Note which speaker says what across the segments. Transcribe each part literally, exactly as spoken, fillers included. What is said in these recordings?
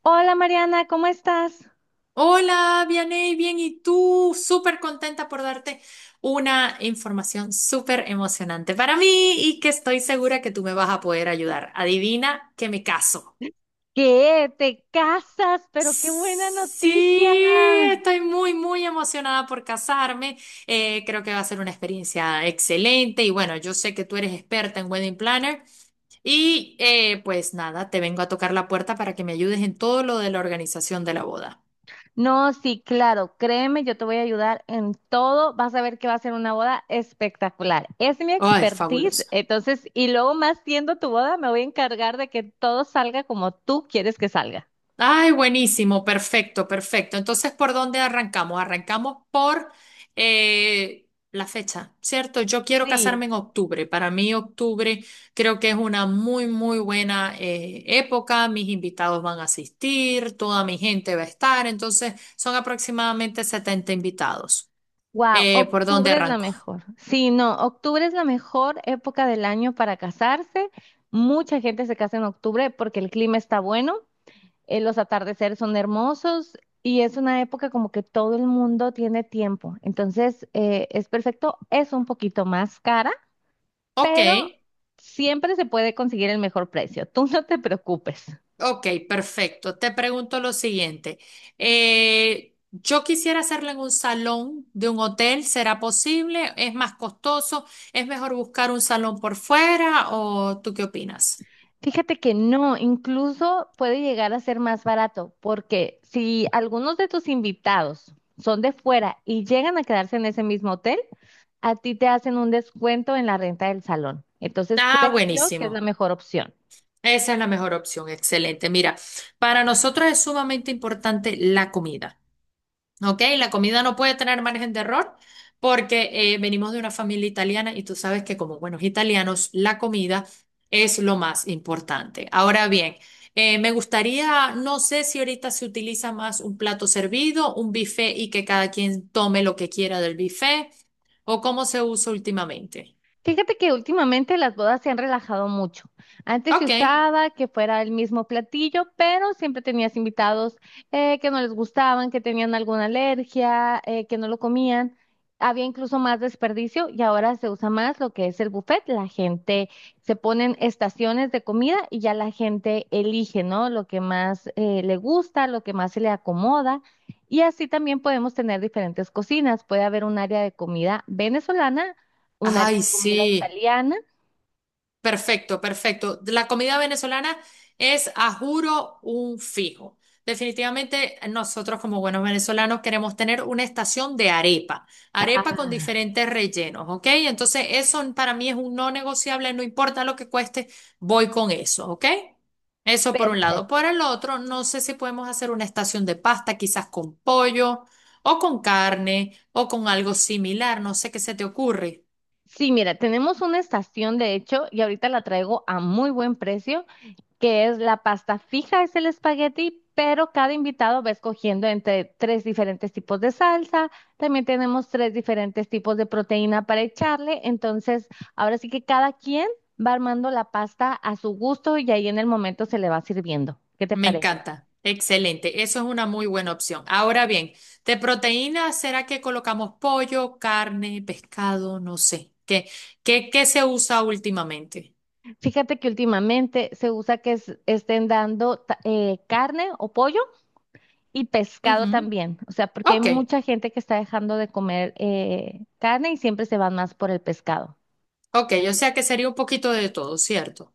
Speaker 1: Hola Mariana, ¿cómo estás?
Speaker 2: Hola, Vianey, bien, ¿y tú? Súper contenta por darte una información súper emocionante para mí y que estoy segura que tú me vas a poder ayudar. Adivina que me caso.
Speaker 1: ¿Qué? ¿Te casas? Pero qué buena
Speaker 2: Sí,
Speaker 1: noticia.
Speaker 2: estoy muy, muy emocionada por casarme. Eh, creo que va a ser una experiencia excelente y bueno, yo sé que tú eres experta en wedding planner y eh, pues nada, te vengo a tocar la puerta para que me ayudes en todo lo de la organización de la boda.
Speaker 1: No, sí, claro, créeme, yo te voy a ayudar en todo. Vas a ver que va a ser una boda espectacular. Es mi
Speaker 2: Ay,
Speaker 1: expertise,
Speaker 2: fabuloso.
Speaker 1: entonces, y luego más siendo tu boda, me voy a encargar de que todo salga como tú quieres que salga.
Speaker 2: Ay, buenísimo, perfecto, perfecto. Entonces, ¿por dónde arrancamos? Arrancamos por eh, la fecha, ¿cierto? Yo quiero
Speaker 1: Sí.
Speaker 2: casarme en octubre. Para mí, octubre creo que es una muy, muy buena eh, época. Mis invitados van a asistir, toda mi gente va a estar. Entonces, son aproximadamente setenta invitados.
Speaker 1: Wow,
Speaker 2: Eh, ¿por dónde
Speaker 1: octubre es la
Speaker 2: arranco?
Speaker 1: mejor. Sí, no, octubre es la mejor época del año para casarse. Mucha gente se casa en octubre porque el clima está bueno. Eh, los atardeceres son hermosos y es una época como que todo el mundo tiene tiempo. Entonces, eh, es perfecto. Es un poquito más cara,
Speaker 2: Ok.
Speaker 1: pero siempre se puede conseguir el mejor precio. Tú no te preocupes.
Speaker 2: Ok, perfecto. Te pregunto lo siguiente. Eh, yo quisiera hacerlo en un salón de un hotel. ¿Será posible? ¿Es más costoso? ¿Es mejor buscar un salón por fuera? ¿O tú qué opinas?
Speaker 1: Fíjate que no, incluso puede llegar a ser más barato, porque si algunos de tus invitados son de fuera y llegan a quedarse en ese mismo hotel, a ti te hacen un descuento en la renta del salón. Entonces
Speaker 2: Ah,
Speaker 1: creo yo que es la
Speaker 2: buenísimo.
Speaker 1: mejor opción.
Speaker 2: Esa es la mejor opción. Excelente. Mira, para nosotros es sumamente importante la comida. ¿Ok? La comida no puede tener margen de error porque eh, venimos de una familia italiana y tú sabes que como buenos italianos, la comida es lo más importante. Ahora bien, eh, me gustaría, no sé si ahorita se utiliza más un plato servido, un buffet y que cada quien tome lo que quiera del buffet o cómo se usa últimamente.
Speaker 1: Fíjate que últimamente las bodas se han relajado mucho. Antes se
Speaker 2: Ok.
Speaker 1: usaba que fuera el mismo platillo, pero siempre tenías invitados eh, que no les gustaban, que tenían alguna alergia, eh, que no lo comían. Había incluso más desperdicio y ahora se usa más lo que es el buffet. La gente se ponen estaciones de comida y ya la gente elige, ¿no? Lo que más eh, le gusta, lo que más se le acomoda. Y así también podemos tener diferentes cocinas. Puede haber un área de comida venezolana, un área
Speaker 2: Ay,
Speaker 1: de comida
Speaker 2: sí.
Speaker 1: italiana.
Speaker 2: Perfecto, perfecto. La comida venezolana es, a juro, un fijo. Definitivamente nosotros como buenos venezolanos queremos tener una estación de arepa, arepa con
Speaker 1: Ah,
Speaker 2: diferentes rellenos, ¿ok? Entonces eso para mí es un no negociable, no importa lo que cueste, voy con eso, ¿ok? Eso por un lado.
Speaker 1: perfecto.
Speaker 2: Por el otro, no sé si podemos hacer una estación de pasta, quizás con pollo o con carne o con algo similar, no sé qué se te ocurre.
Speaker 1: Sí, mira, tenemos una estación de hecho y ahorita la traigo a muy buen precio, que es la pasta fija, es el espagueti, pero cada invitado va escogiendo entre tres diferentes tipos de salsa. También tenemos tres diferentes tipos de proteína para echarle. Entonces, ahora sí que cada quien va armando la pasta a su gusto y ahí en el momento se le va sirviendo. ¿Qué te
Speaker 2: Me
Speaker 1: parece?
Speaker 2: encanta. Excelente. Eso es una muy buena opción. Ahora bien, de proteínas, ¿será que colocamos pollo, carne, pescado? No sé. ¿Qué, qué, qué se usa últimamente?
Speaker 1: Fíjate que últimamente se usa que es- estén dando ta- eh, carne o pollo y pescado
Speaker 2: Ujú.
Speaker 1: también, o sea, porque hay
Speaker 2: Ok,
Speaker 1: mucha gente que está dejando de comer eh, carne y siempre se van más por el pescado.
Speaker 2: ok. O sea que sería un poquito de todo, ¿cierto?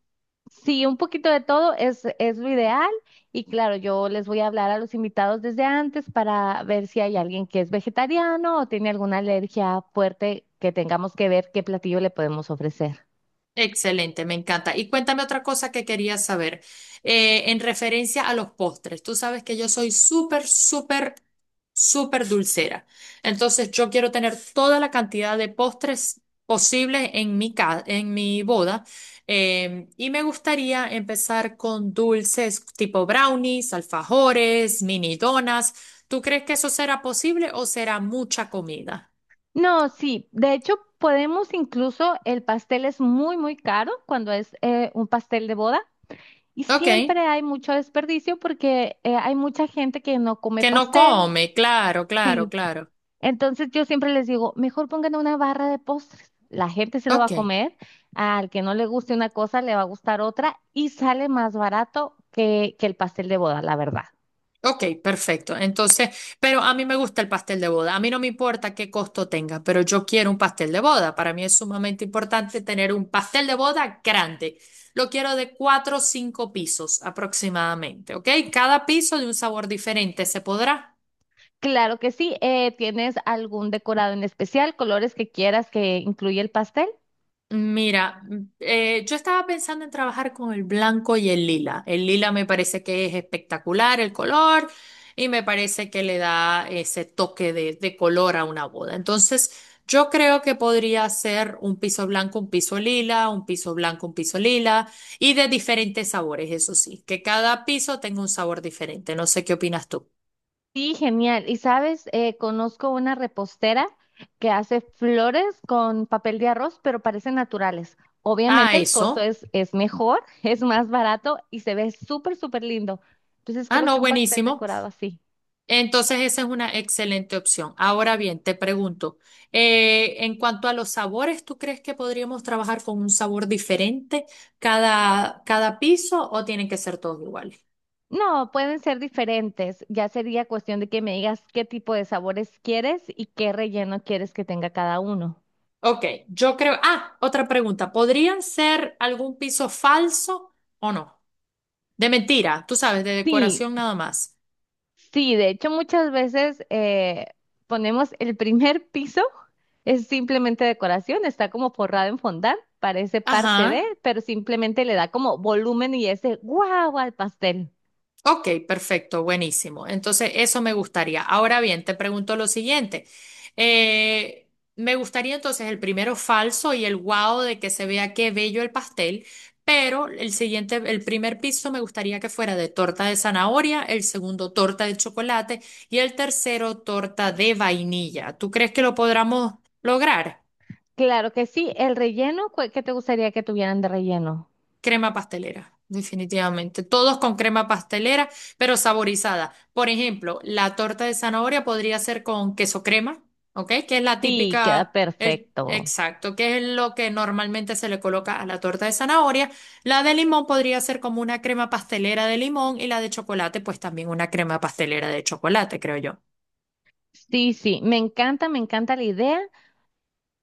Speaker 1: Sí, un poquito de todo es, es lo ideal y claro, yo les voy a hablar a los invitados desde antes para ver si hay alguien que es vegetariano o tiene alguna alergia fuerte que tengamos que ver qué platillo le podemos ofrecer.
Speaker 2: Excelente, me encanta. Y cuéntame otra cosa que quería saber, eh, en referencia a los postres. Tú sabes que yo soy súper, súper, súper dulcera. Entonces, yo quiero tener toda la cantidad de postres posibles en mi ca- en mi boda. Eh, y me gustaría empezar con dulces tipo brownies, alfajores, mini donas. ¿Tú crees que eso será posible o será mucha comida?
Speaker 1: No, sí, de hecho podemos incluso, el pastel es muy, muy caro cuando es eh, un pastel de boda y
Speaker 2: Ok,
Speaker 1: siempre hay mucho desperdicio porque eh, hay mucha gente que no come
Speaker 2: que no
Speaker 1: pastel,
Speaker 2: come, claro, claro,
Speaker 1: sí.
Speaker 2: claro.
Speaker 1: Entonces yo siempre les digo, mejor pongan una barra de postres, la gente se lo va
Speaker 2: Ok.
Speaker 1: a comer, al que no le guste una cosa le va a gustar otra y sale más barato que, que el pastel de boda, la verdad.
Speaker 2: Ok, perfecto. Entonces, pero a mí me gusta el pastel de boda. A mí no me importa qué costo tenga, pero yo quiero un pastel de boda. Para mí es sumamente importante tener un pastel de boda grande. Lo quiero de cuatro o cinco pisos aproximadamente, ¿ok? Cada piso de un sabor diferente, ¿se podrá?
Speaker 1: Claro que sí, eh, ¿tienes algún decorado en especial, colores que quieras que incluya el pastel?
Speaker 2: Mira, mm, eh, yo estaba pensando en trabajar con el blanco y el lila. El lila me parece que es espectacular el color y me parece que le da ese toque de, de color a una boda. Entonces, yo creo que podría ser un piso blanco, un piso lila, un piso blanco, un piso lila y de diferentes sabores, eso sí, que cada piso tenga un sabor diferente. No sé qué opinas tú.
Speaker 1: Sí, genial. Y sabes, eh, conozco una repostera que hace flores con papel de arroz, pero parecen naturales.
Speaker 2: Ah,
Speaker 1: Obviamente el costo
Speaker 2: eso.
Speaker 1: es, es mejor, es más barato y se ve súper, súper lindo. Entonces
Speaker 2: Ah,
Speaker 1: creo que
Speaker 2: no,
Speaker 1: un pastel
Speaker 2: buenísimo.
Speaker 1: decorado así.
Speaker 2: Entonces, esa es una excelente opción. Ahora bien, te pregunto, eh, en cuanto a los sabores, ¿tú crees que podríamos trabajar con un sabor diferente cada, cada piso o tienen que ser todos iguales?
Speaker 1: No, pueden ser diferentes. Ya sería cuestión de que me digas qué tipo de sabores quieres y qué relleno quieres que tenga cada uno.
Speaker 2: Ok, yo creo. Ah, otra pregunta. ¿Podrían ser algún piso falso o no? De mentira, tú sabes, de
Speaker 1: Sí,
Speaker 2: decoración nada más.
Speaker 1: sí, de hecho muchas veces eh, ponemos el primer piso, es simplemente decoración, está como forrado en fondant, parece parte de,
Speaker 2: Ajá.
Speaker 1: pero simplemente le da como volumen y ese guau al pastel.
Speaker 2: Ok, perfecto, buenísimo. Entonces, eso me gustaría. Ahora bien, te pregunto lo siguiente. Eh, Me gustaría entonces el primero falso y el guau de que se vea qué bello el pastel, pero el siguiente, el primer piso me gustaría que fuera de torta de zanahoria, el segundo torta de chocolate y el tercero torta de vainilla. ¿Tú crees que lo podremos lograr?
Speaker 1: Claro que sí, el relleno, cu- ¿qué te gustaría que tuvieran de relleno?
Speaker 2: Crema pastelera, definitivamente. Todos con crema pastelera, pero saborizada. Por ejemplo, la torta de zanahoria podría ser con queso crema, ¿ok? Que es la
Speaker 1: Sí, queda
Speaker 2: típica, el,
Speaker 1: perfecto.
Speaker 2: exacto, que es lo que normalmente se le coloca a la torta de zanahoria. La de limón podría ser como una crema pastelera de limón y la de chocolate, pues también una crema pastelera de chocolate, creo yo.
Speaker 1: Sí, sí, me encanta, me encanta la idea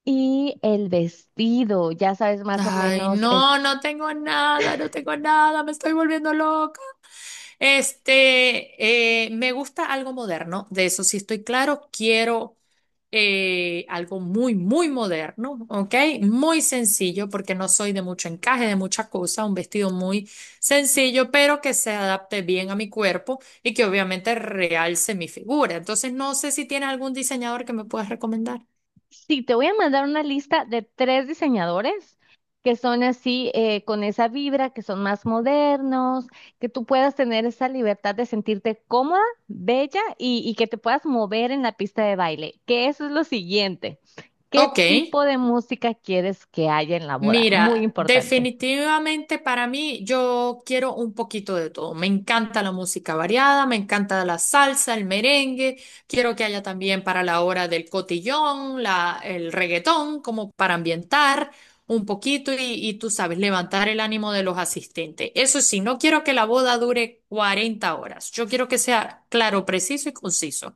Speaker 1: y el vestido, ya sabes más o
Speaker 2: Ay,
Speaker 1: menos.
Speaker 2: no, no tengo nada, no tengo nada, me estoy volviendo loca. Este, eh, me gusta algo moderno, de eso sí estoy claro. Quiero eh, algo muy, muy moderno, ¿ok? Muy sencillo, porque no soy de mucho encaje, de mucha cosa, un vestido muy sencillo, pero que se adapte bien a mi cuerpo y que obviamente realce mi figura. Entonces, no sé si tiene algún diseñador que me puedas recomendar.
Speaker 1: Sí, te voy a mandar una lista de tres diseñadores que son así, eh, con esa vibra, que son más modernos, que tú puedas tener esa libertad de sentirte cómoda, bella y, y que te puedas mover en la pista de baile. Que eso es lo siguiente. ¿Qué
Speaker 2: Ok.
Speaker 1: tipo de música quieres que haya en la boda? Muy
Speaker 2: Mira,
Speaker 1: importante.
Speaker 2: definitivamente para mí yo quiero un poquito de todo. Me encanta la música variada, me encanta la salsa, el merengue. Quiero que haya también para la hora del cotillón, la, el reggaetón, como para ambientar un poquito y, y tú sabes, levantar el ánimo de los asistentes. Eso sí, no quiero que la boda dure cuarenta horas. Yo quiero que sea claro, preciso y conciso.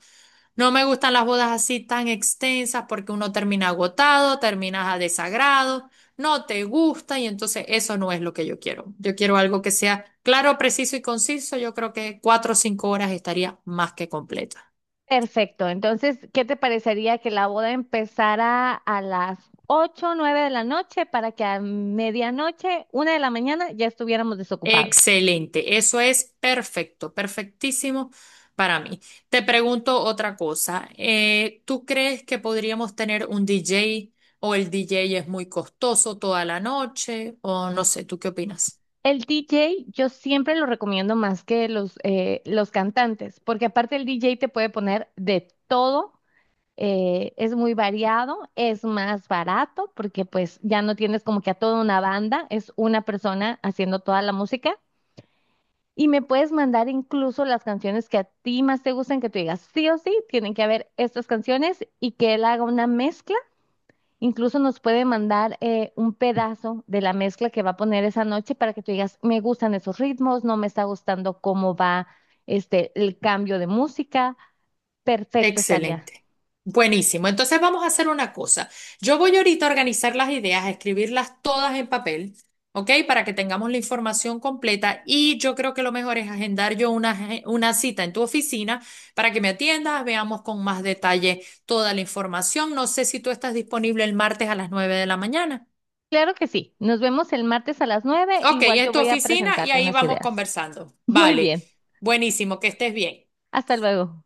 Speaker 2: No me gustan las bodas así tan extensas porque uno termina agotado, terminas a desagrado no te gusta y entonces eso no es lo que yo quiero. Yo quiero algo que sea claro, preciso y conciso. Yo creo que cuatro o cinco horas estaría más que completa.
Speaker 1: Perfecto. Entonces, ¿qué te parecería que la boda empezara a las ocho, o nueve de la noche para que a medianoche, una de la mañana, ya estuviéramos desocupados?
Speaker 2: Excelente, eso es perfecto, perfectísimo para mí. Te pregunto otra cosa. Eh, ¿tú crees que podríamos tener un D J o el D J es muy costoso toda la noche? O no sé, ¿tú qué opinas?
Speaker 1: El D J yo siempre lo recomiendo más que los, eh, los cantantes, porque aparte el D J te puede poner de todo, eh, es muy variado, es más barato, porque pues ya no tienes como que a toda una banda, es una persona haciendo toda la música. Y me puedes mandar incluso las canciones que a ti más te gustan, que tú digas sí o sí, tienen que haber estas canciones y que él haga una mezcla. Incluso nos puede mandar eh, un pedazo de la mezcla que va a poner esa noche para que tú digas, me gustan esos ritmos, no me está gustando cómo va este el cambio de música. Perfecto, estaría.
Speaker 2: Excelente. Buenísimo. Entonces vamos a hacer una cosa. Yo voy ahorita a organizar las ideas, a escribirlas todas en papel, ¿ok? Para que tengamos la información completa y yo creo que lo mejor es agendar yo una, aje- una cita en tu oficina para que me atiendas, veamos con más detalle toda la información. No sé si tú estás disponible el martes a las nueve de la mañana.
Speaker 1: Claro que sí. Nos vemos el martes a las nueve.
Speaker 2: Ok,
Speaker 1: Igual
Speaker 2: en
Speaker 1: yo
Speaker 2: tu
Speaker 1: voy a
Speaker 2: oficina y
Speaker 1: presentarte
Speaker 2: ahí
Speaker 1: unas
Speaker 2: vamos
Speaker 1: ideas.
Speaker 2: conversando.
Speaker 1: Muy
Speaker 2: Vale.
Speaker 1: bien.
Speaker 2: Buenísimo, que estés bien.
Speaker 1: Hasta luego.